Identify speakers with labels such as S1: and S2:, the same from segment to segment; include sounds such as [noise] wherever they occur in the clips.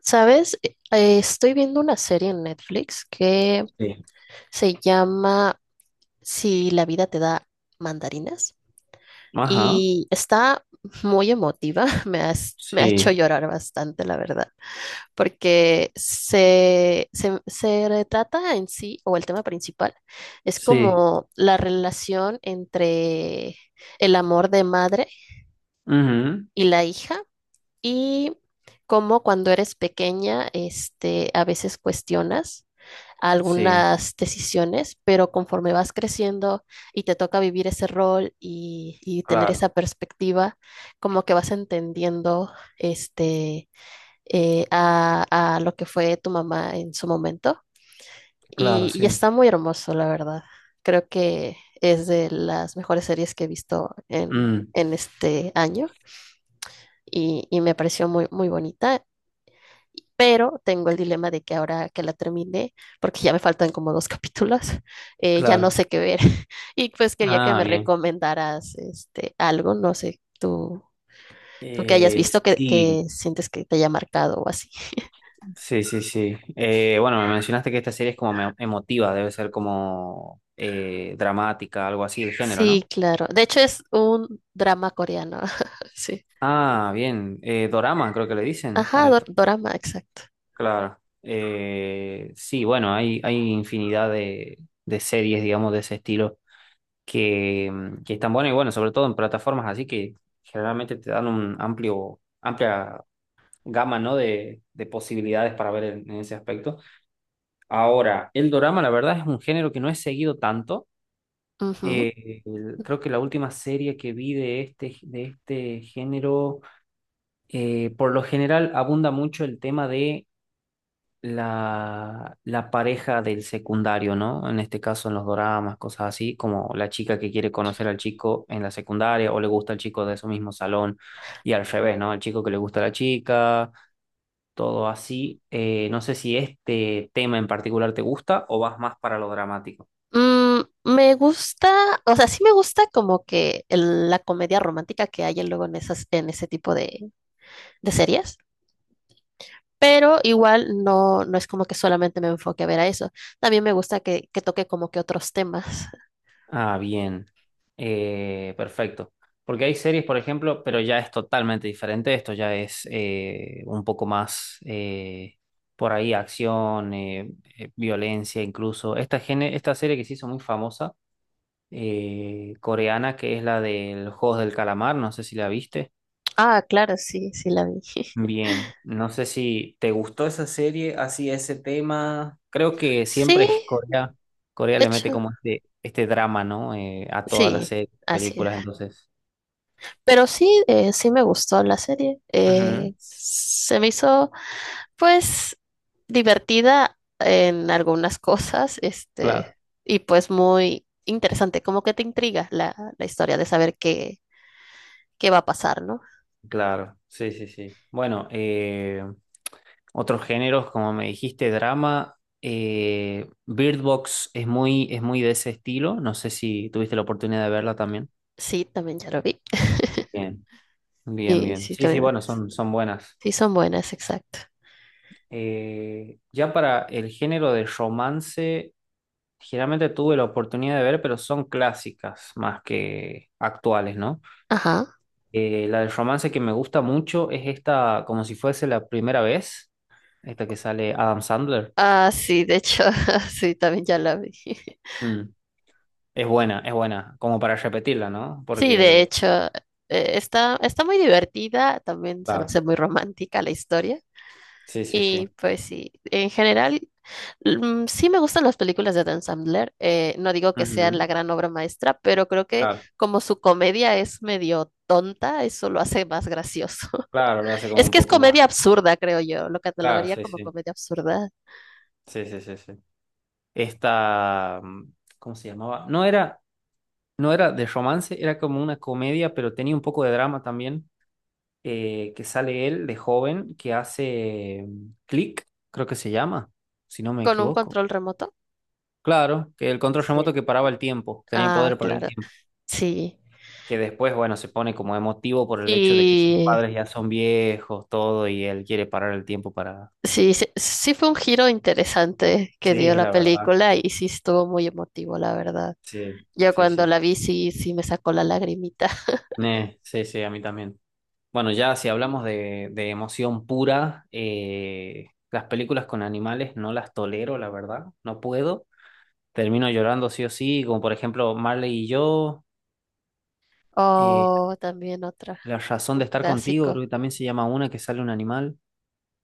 S1: ¿Sabes? Estoy viendo una serie en Netflix que
S2: Sí.
S1: se llama Si la vida te da mandarinas
S2: Ajá,
S1: y está muy emotiva. [laughs] Me ha hecho
S2: sí,
S1: llorar bastante, la verdad, porque se retrata en sí, o el tema principal, es
S2: sí,
S1: como la relación entre el amor de madre
S2: ujú,
S1: y la hija y cómo cuando eres pequeña, a veces cuestionas a
S2: sí,
S1: algunas decisiones, pero conforme vas creciendo y te toca vivir ese rol y tener
S2: claro,
S1: esa perspectiva, como que vas entendiendo este, a lo que fue tu mamá en su momento.
S2: claro,
S1: Y
S2: sí,
S1: está muy hermoso, la verdad. Creo que es de las mejores series que he visto
S2: mm,
S1: en este año y me pareció muy bonita. Pero tengo el dilema de que ahora que la terminé, porque ya me faltan como dos [laughs] capítulos, ya no
S2: claro,
S1: sé qué ver. [laughs] Y pues quería que
S2: ah,
S1: me
S2: bien,
S1: recomendaras algo, no sé, tú que hayas visto
S2: sí,
S1: que sientes que te haya marcado o así.
S2: sí, sí, sí. Bueno, me mencionaste que esta serie es como emotiva, debe ser como dramática, algo así de género,
S1: Sí,
S2: ¿no?
S1: claro. De hecho es un drama coreano. [laughs] Sí.
S2: Ah, bien, dorama creo que le dicen a
S1: Ajá,
S2: esto,
S1: dorama, exacto.
S2: claro. Sí, bueno, hay infinidad de series, digamos, de ese estilo. Que están buenas y bueno, sobre todo en plataformas así que generalmente te dan amplia gama, ¿no? de, posibilidades para ver en, ese aspecto. Ahora, el dorama, la verdad, es un género que no he seguido tanto.
S1: Ujú.
S2: Creo que la última serie que vi de este, género, por lo general abunda mucho el tema de la, pareja del secundario, ¿no? En este caso en los doramas, cosas así, como la chica que quiere conocer al chico en la secundaria o le gusta al chico de su mismo salón y al revés, ¿no? El chico que le gusta a la chica, todo así. No sé si este tema en particular te gusta o vas más para lo dramático.
S1: Mm, me gusta, o sea, sí me gusta como que la comedia romántica que hay luego en en ese tipo de series. Pero igual no, no es como que solamente me enfoque a ver a eso. También me gusta que toque como que otros temas. [laughs]
S2: Ah, bien. Perfecto. Porque hay series, por ejemplo, pero ya es totalmente diferente. Esto ya es un poco más por ahí acción, violencia incluso. Esta, esta serie que se hizo muy famosa, coreana, que es la del Juegos del Calamar, no sé si la viste.
S1: Ah, claro, sí, sí la vi. [laughs]
S2: Bien, no sé si te gustó esa serie, así ese tema. Creo que
S1: Sí,
S2: siempre [laughs] Corea
S1: de
S2: le mete
S1: hecho,
S2: como este, drama, ¿no? A todas las
S1: sí,
S2: series,
S1: así es.
S2: películas, entonces.
S1: Pero sí, sí me gustó la serie.
S2: Ujú,
S1: Se me hizo, pues, divertida en algunas [laughs] cosas,
S2: claro,
S1: y pues muy interesante, como que te intriga la historia de saber qué, qué va a pasar, ¿no?
S2: claro, sí, sí, sí. Bueno, otros géneros, como me dijiste, drama. Bird Box es muy de ese estilo. No sé si tuviste la oportunidad de verla también.
S1: Sí, también ya lo vi. [laughs]
S2: Bien, bien,
S1: Y
S2: bien.
S1: sí,
S2: Sí, sí,
S1: también.
S2: bueno, son buenas.
S1: Sí, son buenas, exacto.
S2: Ya para el género de romance, generalmente tuve la oportunidad de ver, pero son clásicas más que actuales, ¿no?
S1: Ajá.
S2: La del romance que me gusta mucho es esta, como si fuese la primera vez, esta que sale Adam Sandler.
S1: Ah, sí, de hecho, [laughs] sí, también ya la vi. [laughs]
S2: Mm, es buena, como para repetirla, ¿no?
S1: Sí, de
S2: Porque,
S1: hecho, está, está muy divertida, también se me
S2: claro,
S1: hace muy romántica la historia.
S2: sí, sí,
S1: Y
S2: sí.
S1: pues sí, en general, mm, sí me gustan las películas de Dan Sandler. Eh, no digo que
S2: Ujú,
S1: sean la gran obra maestra, pero creo que
S2: claro,
S1: como su comedia es medio tonta, eso lo hace más gracioso. [laughs]
S2: claro, lo hace como
S1: Es
S2: un
S1: que es
S2: poco más.
S1: comedia absurda, creo yo. Lo
S2: Claro,
S1: catalogaría
S2: sí,
S1: como
S2: sí,
S1: comedia absurda.
S2: sí, sí, sí, sí. Esta, mm, ¿cómo se llamaba? No era de romance, era como una comedia, pero tenía un poco de drama también, que sale él de joven, que hace Click, creo que se llama, si no me
S1: ¿Con un
S2: equivoco.
S1: control remoto?
S2: Claro, que el control remoto
S1: Sí.
S2: que paraba el tiempo, tenía el
S1: Ah,
S2: poder de parar el
S1: claro.
S2: tiempo,
S1: Sí.
S2: que después, bueno, se pone como emotivo por el hecho de que sus
S1: Sí,
S2: padres ya son viejos, todo, y él quiere parar el tiempo para... [laughs]
S1: sí, sí, sí fue un giro interesante que dio
S2: Sí,
S1: la
S2: la verdad.
S1: película y sí estuvo muy emotivo, la verdad.
S2: Sí,
S1: Yo
S2: sí,
S1: cuando
S2: sí.
S1: la vi sí, sí me sacó la lagrimita. [laughs]
S2: Ne, sí, sí, a mí también. Bueno, ya si hablamos de, emoción pura, las películas con animales no las tolero, la verdad, no puedo. Termino llorando sí o sí, como por ejemplo Marley y yo, eh,
S1: Oh, también otra,
S2: La razón
S1: un
S2: de estar contigo,
S1: clásico.
S2: creo que también se llama una que sale un animal.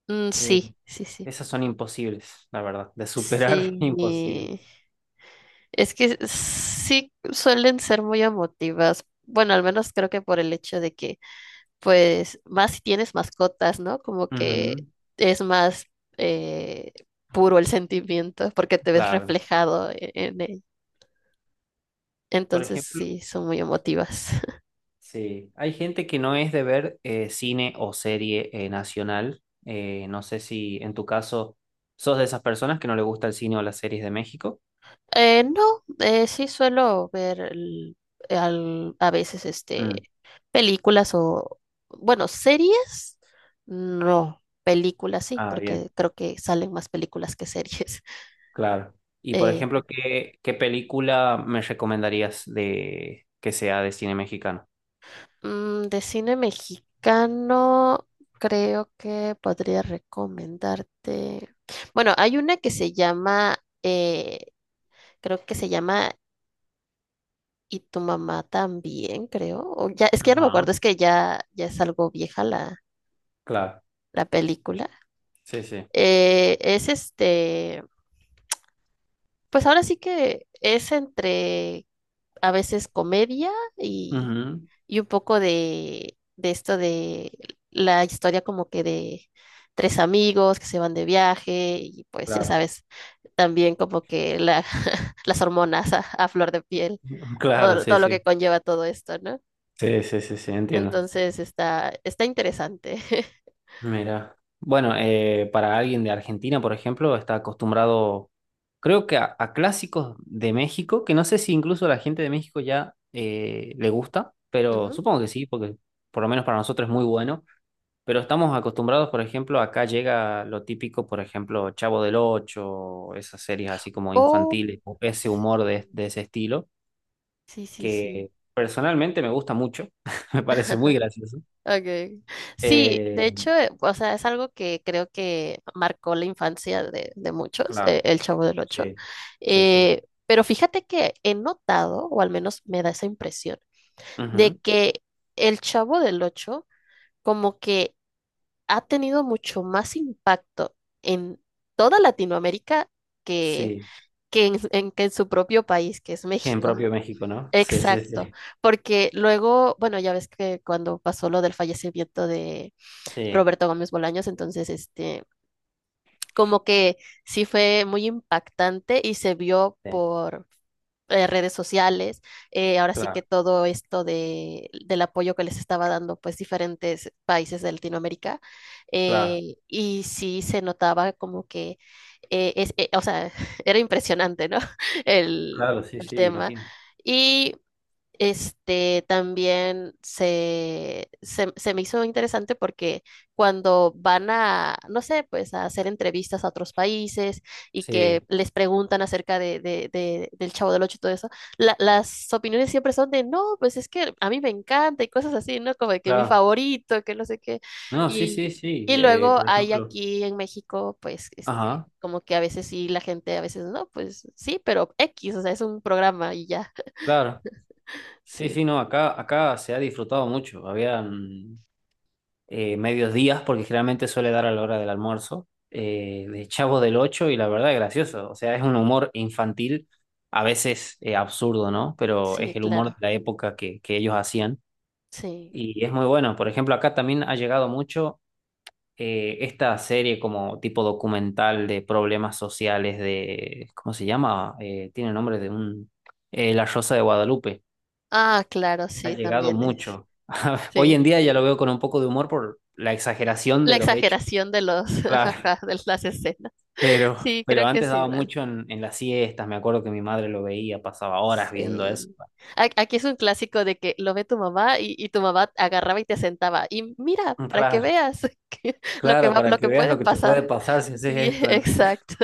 S1: Mm,
S2: Eh,
S1: sí, sí, sí.
S2: esas son imposibles, la verdad, de superar, [laughs]
S1: Sí.
S2: imposibles.
S1: Es que sí suelen ser muy emotivas. Bueno, al menos creo que por el hecho de que pues más si tienes mascotas, ¿no? Como que
S2: Ujú,
S1: es más eh, puro el sentimiento porque te ves
S2: claro.
S1: reflejado en él.
S2: Por
S1: Entonces
S2: ejemplo.
S1: sí, son muy emotivas. [laughs]
S2: Sí, hay gente que no es de ver cine o serie nacional. No sé si en tu caso sos de esas personas que no le gusta el cine o las series de México.
S1: No, sí suelo ver a veces
S2: Mm,
S1: películas o, bueno, series, no, películas sí,
S2: ah, bien,
S1: porque creo que salen más películas que series.
S2: claro.
S1: [laughs]
S2: Y por
S1: Eh.
S2: ejemplo, ¿ qué película me recomendarías de que sea de cine mexicano?
S1: Mm, de cine mexicano, creo que podría recomendarte. Bueno, hay una que se llama, eh, creo que se llama Y tu mamá también, creo. O ya, es que ya no me acuerdo,
S2: Ajá,
S1: es que ya, ya es algo vieja
S2: claro,
S1: la película.
S2: sí, sí.
S1: Es pues ahora sí que es entre a veces comedia y
S2: Ujú,
S1: y un poco de esto de la historia como que de tres amigos que se van de viaje y pues ya
S2: claro,
S1: sabes, también como que la, [laughs] las hormonas a flor de piel,
S2: [laughs]
S1: todo,
S2: claro, sí,
S1: todo lo que
S2: sí.
S1: conlleva todo esto, ¿no?
S2: Sí, sí, sí, sí, entiendo.
S1: Entonces está, está interesante.
S2: Mira, bueno, para alguien de Argentina, por ejemplo, está acostumbrado, creo que a, clásicos de México, que no sé si incluso a la gente de México ya le gusta,
S1: [laughs]
S2: pero
S1: Ujú.
S2: supongo que sí, porque por lo menos para nosotros es muy bueno. Pero estamos acostumbrados, por ejemplo, acá llega lo típico, por ejemplo, Chavo del Ocho, esas series así como
S1: Oh.
S2: infantiles, o ese humor de, ese estilo,
S1: Sí, sí, sí.
S2: que personalmente me gusta mucho, [laughs] me parece muy
S1: [laughs]
S2: gracioso.
S1: Okay. Sí, de
S2: Eh,
S1: hecho, o sea, es algo que creo que marcó la infancia de muchos,
S2: claro,
S1: el Chavo del Ocho.
S2: sí, sí, sí.
S1: Pero fíjate que he notado, o al menos me da esa impresión, de
S2: Ujú,
S1: que el Chavo del Ocho como que ha tenido mucho más impacto en toda Latinoamérica que,
S2: sí,
S1: que en, [laughs] que en su propio país, que es
S2: gen
S1: México.
S2: propio de México, ¿no? Sí, sí,
S1: Exacto,
S2: sí,
S1: porque luego, bueno, ya ves que cuando pasó lo del fallecimiento
S2: sí,
S1: Roberto Gómez Bolaños, entonces, como que sí fue muy impactante y se vio
S2: sí,
S1: por redes sociales, ahora sí que
S2: claro,
S1: todo esto del apoyo que les estaba dando, pues, diferentes países de Latinoamérica,
S2: claro,
S1: y sí se notaba como que, o sea, [laughs] era impresionante, ¿no? [laughs] El,
S2: claro, sí,
S1: el
S2: sí,
S1: tema.
S2: imagino.
S1: Este también se me hizo interesante porque cuando van a, no sé, pues a hacer entrevistas a otros países y que
S2: Sí,
S1: les preguntan acerca del Chavo del Ocho y todo eso, las opiniones siempre son de, no, pues es que a mí me encanta y cosas así, ¿no? Como de que mi
S2: claro.
S1: favorito, que no sé qué.
S2: No, sí, sí,
S1: Y,
S2: sí,
S1: y luego
S2: por
S1: hay
S2: ejemplo,
S1: aquí en México, pues,
S2: ajá,
S1: como que a veces sí, la gente a veces no, pues sí, pero X, o sea, es un programa y ya,
S2: claro.
S1: [laughs]
S2: Sí,
S1: sí.
S2: sí, no, acá se ha disfrutado mucho. Habían medios días, porque generalmente suele dar a la hora del almuerzo, de Chavo del Ocho, y la verdad es gracioso. O sea, es un humor infantil, a veces absurdo, ¿no? Pero es
S1: Sí,
S2: el humor de
S1: claro,
S2: la época que ellos hacían.
S1: sí.
S2: Y es muy bueno. Por ejemplo, acá también ha llegado mucho esta serie como tipo documental de problemas sociales de, ¿cómo se llama? Tiene nombre de un... La Rosa de Guadalupe.
S1: Ah, claro,
S2: Ha
S1: sí,
S2: llegado
S1: también es.
S2: mucho. [laughs] Hoy
S1: Sí.
S2: en día ya lo veo con un poco de humor por la exageración
S1: La
S2: de los hechos.
S1: exageración de los, [laughs]
S2: Claro.
S1: ajá, de las escenas.
S2: [laughs]
S1: Sí, creo
S2: Pero
S1: que
S2: antes
S1: es
S2: daba
S1: igual.
S2: mucho en, las siestas. Me acuerdo que mi madre lo veía, pasaba horas viendo eso.
S1: Sí. A- Aquí es un clásico de que lo ve tu mamá y tu mamá agarraba y te sentaba. Y mira,
S2: [laughs]
S1: para que
S2: Claro,
S1: veas [laughs] lo que
S2: claro,
S1: va,
S2: para
S1: lo
S2: que
S1: que
S2: veas
S1: puede
S2: lo que te puede
S1: pasar.
S2: pasar si haces
S1: Sí, [laughs]
S2: esto. [laughs]
S1: exacto.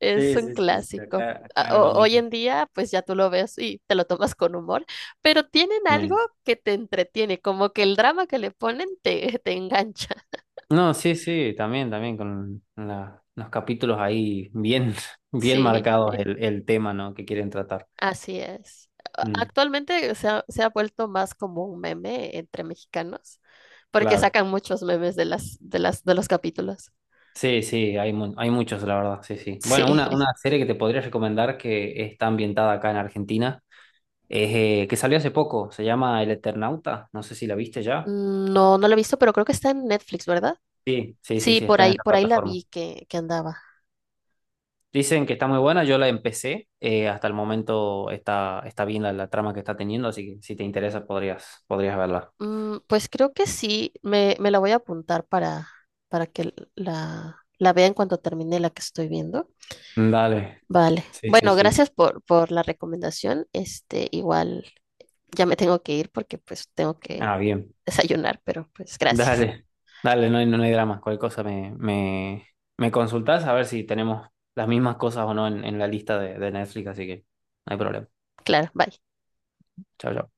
S1: Es
S2: Sí,
S1: un
S2: sí, sí, sí,
S1: clásico.
S2: acá era lo
S1: Hoy
S2: mismo.
S1: en día, pues ya tú lo ves y te lo tomas con humor, pero tienen algo
S2: Eh,
S1: que te entretiene, como que el drama que le ponen te, te engancha. [laughs]
S2: No, sí, sí, también, con los capítulos ahí bien, [laughs] bien
S1: Sí.
S2: marcados el, tema, ¿no? que quieren tratar.
S1: Así es.
S2: Mm,
S1: Actualmente se ha vuelto más como un meme entre mexicanos, porque
S2: claro.
S1: sacan muchos memes de de los capítulos.
S2: Sí, sí, hay muchos, la verdad, sí, sí.
S1: Sí.
S2: Bueno, una
S1: [laughs]
S2: serie que te podría recomendar que está ambientada acá en Argentina, es, que salió hace poco, se llama El Eternauta, no sé si la viste ya.
S1: No, no lo he visto, pero creo que está en Netflix, ¿verdad?
S2: Sí, sí, sí,
S1: Sí,
S2: sí, está en esa
S1: por ahí la
S2: plataforma.
S1: vi que andaba.
S2: Dicen que está muy buena, yo la empecé, hasta el momento está bien la, trama que está teniendo, así que si te interesa podrías verla.
S1: Mm, pues creo que sí, me la voy a apuntar para que la vea en cuanto termine la que estoy viendo.
S2: Dale,
S1: Vale.
S2: sí, sí,
S1: Bueno,
S2: sí.
S1: gracias por la recomendación. Este, igual ya me tengo que ir porque pues tengo que
S2: Ah, bien.
S1: desayunar, pero pues gracias.
S2: Dale, dale, no hay, no hay drama. Cualquier cosa me consultás a ver si tenemos las mismas cosas o no en, la lista de, Netflix, así que no hay problema.
S1: Claro, bye.
S2: Chao, chao.